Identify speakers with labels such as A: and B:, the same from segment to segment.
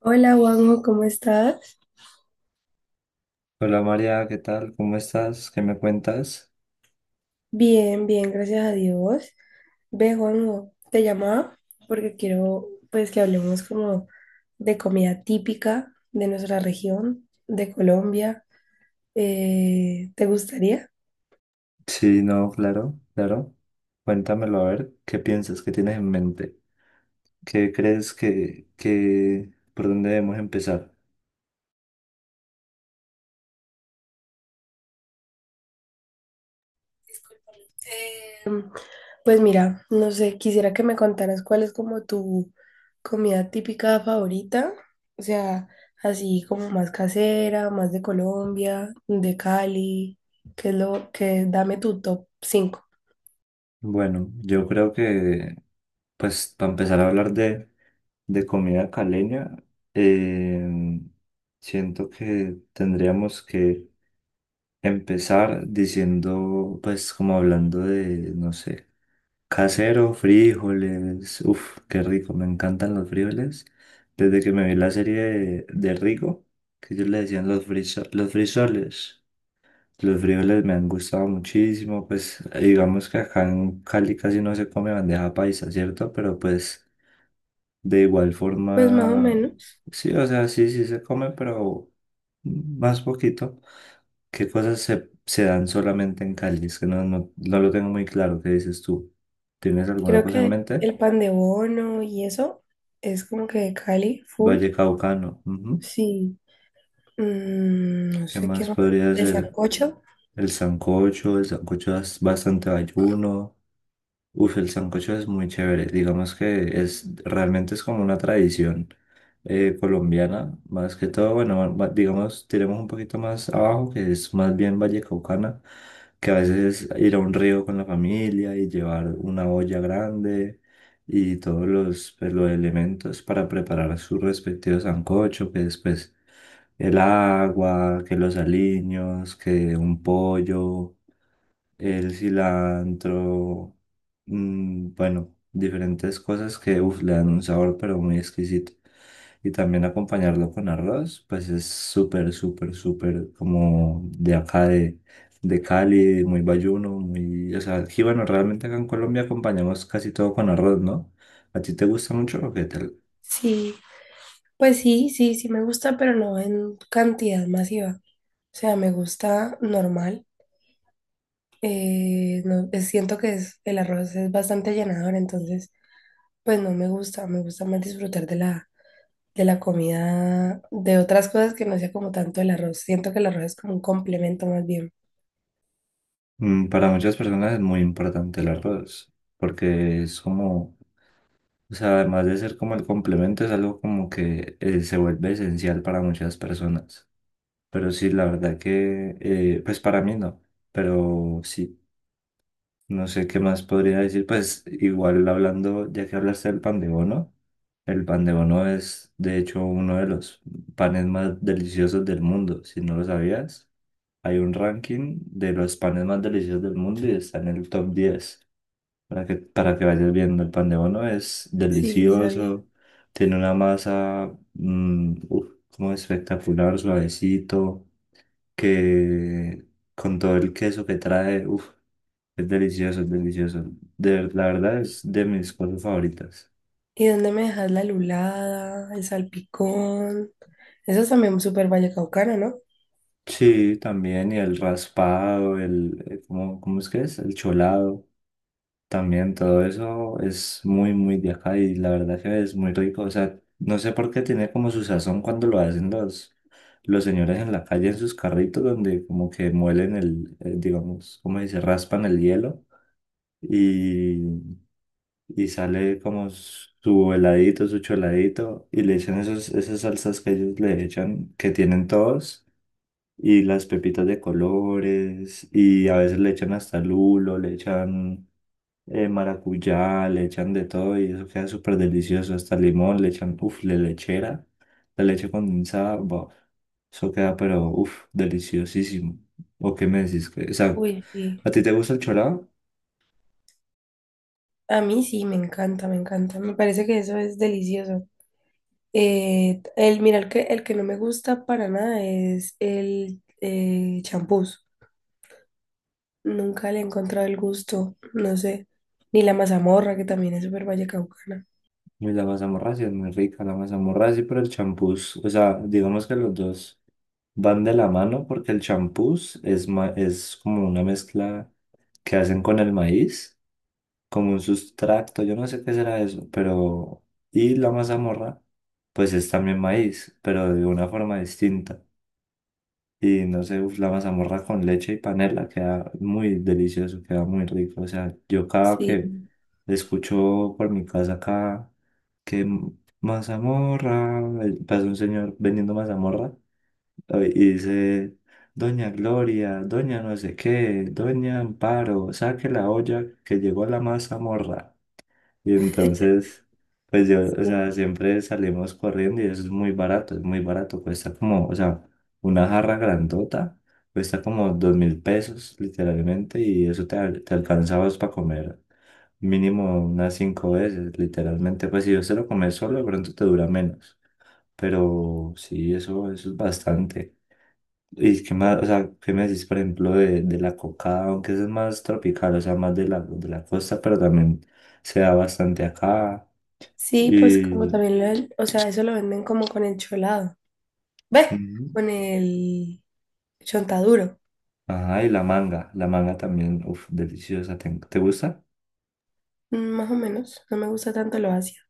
A: Hola, Juanjo, ¿cómo estás?
B: Hola María, ¿qué tal? ¿Cómo estás? ¿Qué me cuentas?
A: Bien, bien, gracias a Dios. Ve, Juanjo, te llamaba porque quiero, pues, que hablemos como de comida típica de nuestra región, de Colombia. ¿te gustaría?
B: Sí, no, claro, claro. Cuéntamelo a ver, ¿qué piensas? ¿Qué tienes en mente? ¿Qué crees que, por dónde debemos empezar?
A: Discúlpame. Pues mira, no sé, quisiera que me contaras cuál es como tu comida típica favorita, o sea, así como más casera, más de Colombia, de Cali, que es lo que dame tu top 5.
B: Bueno, yo creo que, pues, para empezar a hablar de comida caleña, eh, siento que tendríamos que empezar diciendo, pues, como hablando de, no sé. Casero, frijoles. Uf, qué rico, me encantan los frijoles. Desde que me vi la serie de Rigo, que ellos le decían los los frisoles. Los frijoles me han gustado muchísimo, pues digamos que acá en Cali casi no se come bandeja paisa, ¿cierto? Pero pues de igual
A: Pues más o
B: forma,
A: menos,
B: sí, o sea, sí, sí se come, pero más poquito. ¿Qué cosas se dan solamente en Cali? Es que no, no, no lo tengo muy claro, ¿qué dices tú? ¿Tienes alguna
A: creo
B: cosa en
A: que
B: mente?
A: el pan de bono y eso es como que de Cali, full.
B: Valle Caucano. Ujú.
A: Sí, no
B: ¿Qué
A: sé qué
B: más
A: más,
B: podría
A: el
B: ser?
A: sancocho,
B: El sancocho es bastante ayuno. Uf, el sancocho es muy chévere. Digamos que es realmente es como una tradición. Colombiana, más que todo, bueno, digamos, tiremos un poquito más abajo, que es más bien vallecaucana, que a veces es ir a un río con la familia y llevar una olla grande y todos los, pues, los elementos para preparar su respectivo sancocho, que después el agua, que los aliños, que un pollo el cilantro, bueno, diferentes cosas que uf, le dan un sabor pero muy exquisito. Y también acompañarlo con arroz, pues es súper, súper, súper como de acá de Cali, muy bayuno. O sea, aquí, bueno, realmente acá en Colombia acompañamos casi todo con arroz, ¿no? ¿A ti te gusta mucho o qué tal?
A: sí. Pues sí, sí, sí me gusta, pero no en cantidad masiva. O sea, me gusta normal. No, siento que el arroz es bastante llenador, entonces pues no me gusta. Me gusta más disfrutar de de la comida, de otras cosas que no sea como tanto el arroz. Siento que el arroz es como un complemento más bien.
B: Para muchas personas es muy importante el arroz, porque es como O sea, además de ser como el complemento, es algo como que se vuelve esencial para muchas personas. Pero sí, la verdad que, pues para mí no. Pero sí, no sé qué más podría decir. Pues igual hablando, ya que hablaste del pan de bono, el pan de bono es de hecho uno de los panes más deliciosos del mundo. Si no lo sabías, hay un ranking de los panes más deliciosos del mundo y está en el top 10 para que, vayas viendo, el pan de bono es
A: Sí, sí, sabía.
B: delicioso, tiene una masa uf, como espectacular, suavecito, que con todo el queso que trae, uf, es delicioso, es delicioso. La verdad es de mis cosas favoritas.
A: ¿Y dónde me dejas la lulada, el salpicón? Eso es también súper vallecaucano, ¿no?
B: Sí, también, y el raspado, ¿cómo es que es? El cholado. También todo eso es muy, muy de acá y la verdad que es muy rico. O sea, no sé por qué tiene como su sazón cuando lo hacen los señores en la calle en sus carritos donde como que muelen digamos, como dice, raspan el hielo y, y sale como su heladito, su choladito y le echan esos, esas salsas que ellos le echan, que tienen todos. Y las pepitas de colores, y a veces le echan hasta lulo, le echan maracuyá, le echan de todo y eso queda súper delicioso. Hasta limón, le echan, uff, la lechera, la leche condensada, buah, eso queda, pero uff, deliciosísimo. ¿O qué me decís? O sea,
A: Uy, sí.
B: ¿a ti te gusta el chorado?
A: A mí sí, me encanta, me encanta. Me parece que eso es delicioso. El, mira, el que no me gusta para nada es el champús. Nunca le he encontrado el gusto, no sé. Ni la mazamorra, que también es súper vallecaucana.
B: Y la mazamorracia es muy rica, la mazamorracia, pero el champús, o sea, digamos que los dos van de la mano porque el champús es como una mezcla que hacen con el maíz. Como un sustracto, yo no sé qué será eso, pero. Y la mazamorra, pues es también maíz, pero de una forma distinta. Y no sé, uf, la mazamorra con leche y panela queda muy delicioso, queda muy rico. O sea, yo cada
A: Sí.
B: que escucho por mi casa acá que mazamorra, pasa un señor vendiendo mazamorra y dice, Doña Gloria, Doña no sé qué, Doña Amparo, saque la olla que llegó la mazamorra. Y entonces, pues yo, o
A: Sí.
B: sea, siempre salimos corriendo y eso es muy barato, es muy barato. Cuesta como, o sea, una jarra grandota, cuesta como 2.000 pesos literalmente y eso te alcanzabas para comer mínimo unas cinco veces, literalmente. Pues si yo se lo comes solo, de pronto te dura menos. Pero sí, eso es bastante. ¿Y qué más, o sea, qué me decís, por ejemplo, de la coca, aunque eso es más tropical, o sea, más de la costa, pero también se da bastante acá.
A: Sí, pues como
B: Y,
A: también lo, o sea, eso lo venden como con el cholado. Ves.
B: ujú.
A: Con el chontaduro.
B: Ajá, y la manga también, uff, deliciosa. ¿Te gusta?
A: Mm, más o menos. No me gusta tanto lo ácido.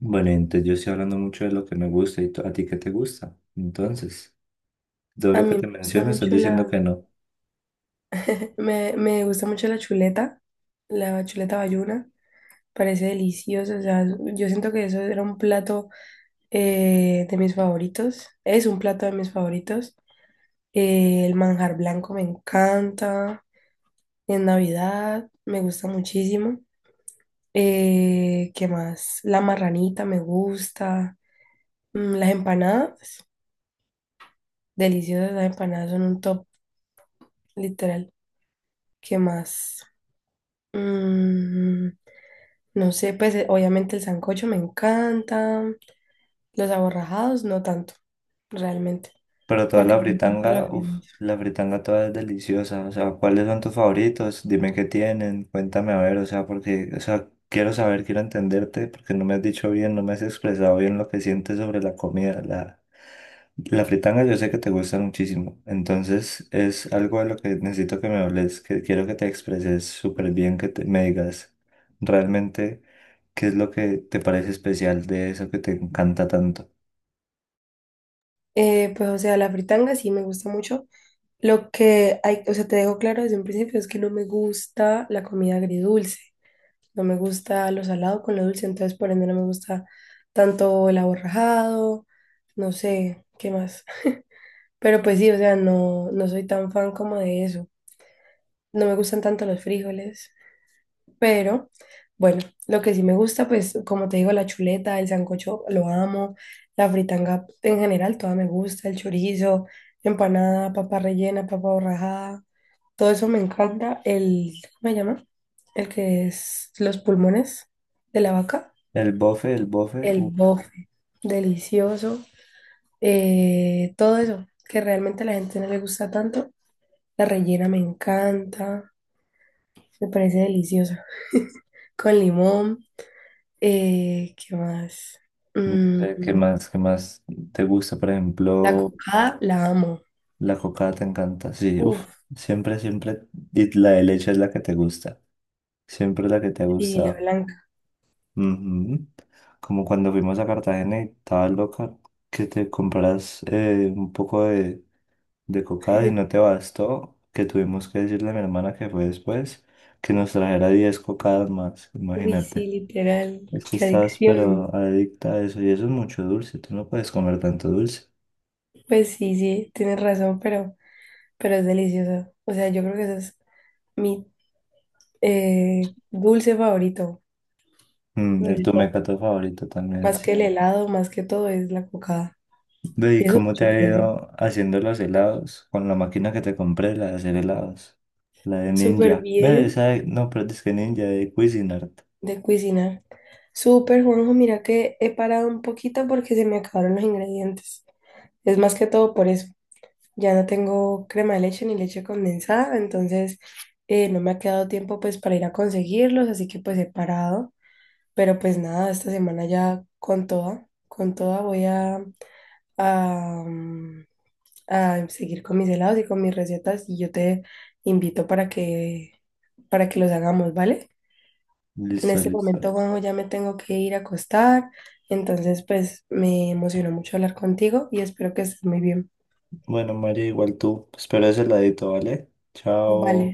B: Bueno, entonces yo estoy hablando mucho de lo que me gusta y a ti qué te gusta. Entonces, todo
A: A
B: lo que
A: mí
B: te
A: me gusta
B: menciono estás
A: mucho
B: diciendo que no.
A: me gusta mucho la chuleta bayuna. Parece delicioso, o sea, yo siento que eso era un plato de mis favoritos, es un plato de mis favoritos. El manjar blanco me encanta, en Navidad me gusta muchísimo. ¿Qué más? La marranita me gusta. Las empanadas, deliciosas las empanadas, son un top, literal. ¿Qué más? Mm, no sé, pues obviamente el sancocho me encanta, los aborrajados no tanto, realmente.
B: Pero toda
A: Porque
B: la
A: me gusta la
B: fritanga, uff,
A: fritanga.
B: la fritanga toda es deliciosa. O sea, ¿cuáles son tus favoritos? Dime qué tienen, cuéntame a ver, o sea, porque, o sea, quiero saber, quiero entenderte, porque no me has dicho bien, no me has expresado bien lo que sientes sobre la comida. La fritanga yo sé que te gusta muchísimo, entonces es algo de lo que necesito que me hables, que quiero que te expreses súper bien, que me digas realmente qué es lo que te parece especial de eso que te encanta tanto.
A: Pues, o sea, la fritanga sí me gusta mucho. Lo que hay, o sea, te dejo claro desde un principio es que no me gusta la comida agridulce. No me gusta lo salado con lo dulce, entonces por ende no me gusta tanto el aborrajado, no sé, qué más. Pero pues sí, o sea, no, no soy tan fan como de eso. No me gustan tanto los frijoles. Pero bueno, lo que sí me gusta, pues como te digo, la chuleta, el sancocho, lo amo, la fritanga en general, toda me gusta, el chorizo, empanada, papa rellena, papa borrajada, todo eso me encanta. El, ¿cómo se llama? El que es los pulmones de la vaca,
B: El bofe, el bofe.
A: el bofe, delicioso, todo eso que realmente a la gente no le gusta tanto. La rellena me encanta, me parece deliciosa, con limón. ¿Qué más?
B: No
A: Mm,
B: sé, ¿qué más te gusta? Por
A: la
B: ejemplo,
A: cocada la amo.
B: la cocada te encanta. Sí, uff,
A: Uf,
B: siempre, siempre. Y la de leche es la que te gusta. Siempre la que te
A: sí, la
B: gusta.
A: blanca.
B: Ujú. Como cuando fuimos a Cartagena y estaba loca, que te compras un poco de cocada y no te bastó, que tuvimos que decirle a mi hermana que fue después, que nos trajera 10 cocadas más.
A: Uy, sí,
B: Imagínate.
A: literal.
B: Es que
A: Qué
B: estás
A: adicción.
B: pero adicta a eso y eso es mucho dulce, tú no puedes comer tanto dulce.
A: Pues sí, sí, tienes razón, pero es delicioso. O sea, yo creo que ese es mi dulce favorito
B: El
A: de
B: tu
A: todo.
B: mecato favorito también,
A: Más
B: sí.
A: que el
B: Mm.
A: helado, más que todo, es la cocada.
B: Ve,
A: Y
B: ¿y
A: eso es
B: cómo
A: mucho
B: te ha
A: que decir.
B: ido haciendo los helados? Con la máquina que te compré, la de hacer helados. La de
A: Súper
B: Ninja. Ve,
A: bien
B: no, pero es que Ninja de Cuisinart.
A: de cocinar. Súper, Juanjo, mira que he parado un poquito porque se me acabaron los ingredientes. Es más que todo por eso. Ya no tengo crema de leche ni leche condensada, entonces no me ha quedado tiempo pues para ir a conseguirlos, así que pues he parado. Pero pues nada, esta semana ya con toda voy a, mm, a seguir con mis helados y con mis recetas y yo te invito para que los hagamos, ¿vale? En
B: Listo,
A: este
B: listo.
A: momento, Juanjo, ya me tengo que ir a acostar, entonces pues me emocionó mucho hablar contigo y espero que estés muy bien.
B: Bueno, María, igual tú. Espero ese heladito, ¿vale?
A: Vale.
B: Chao.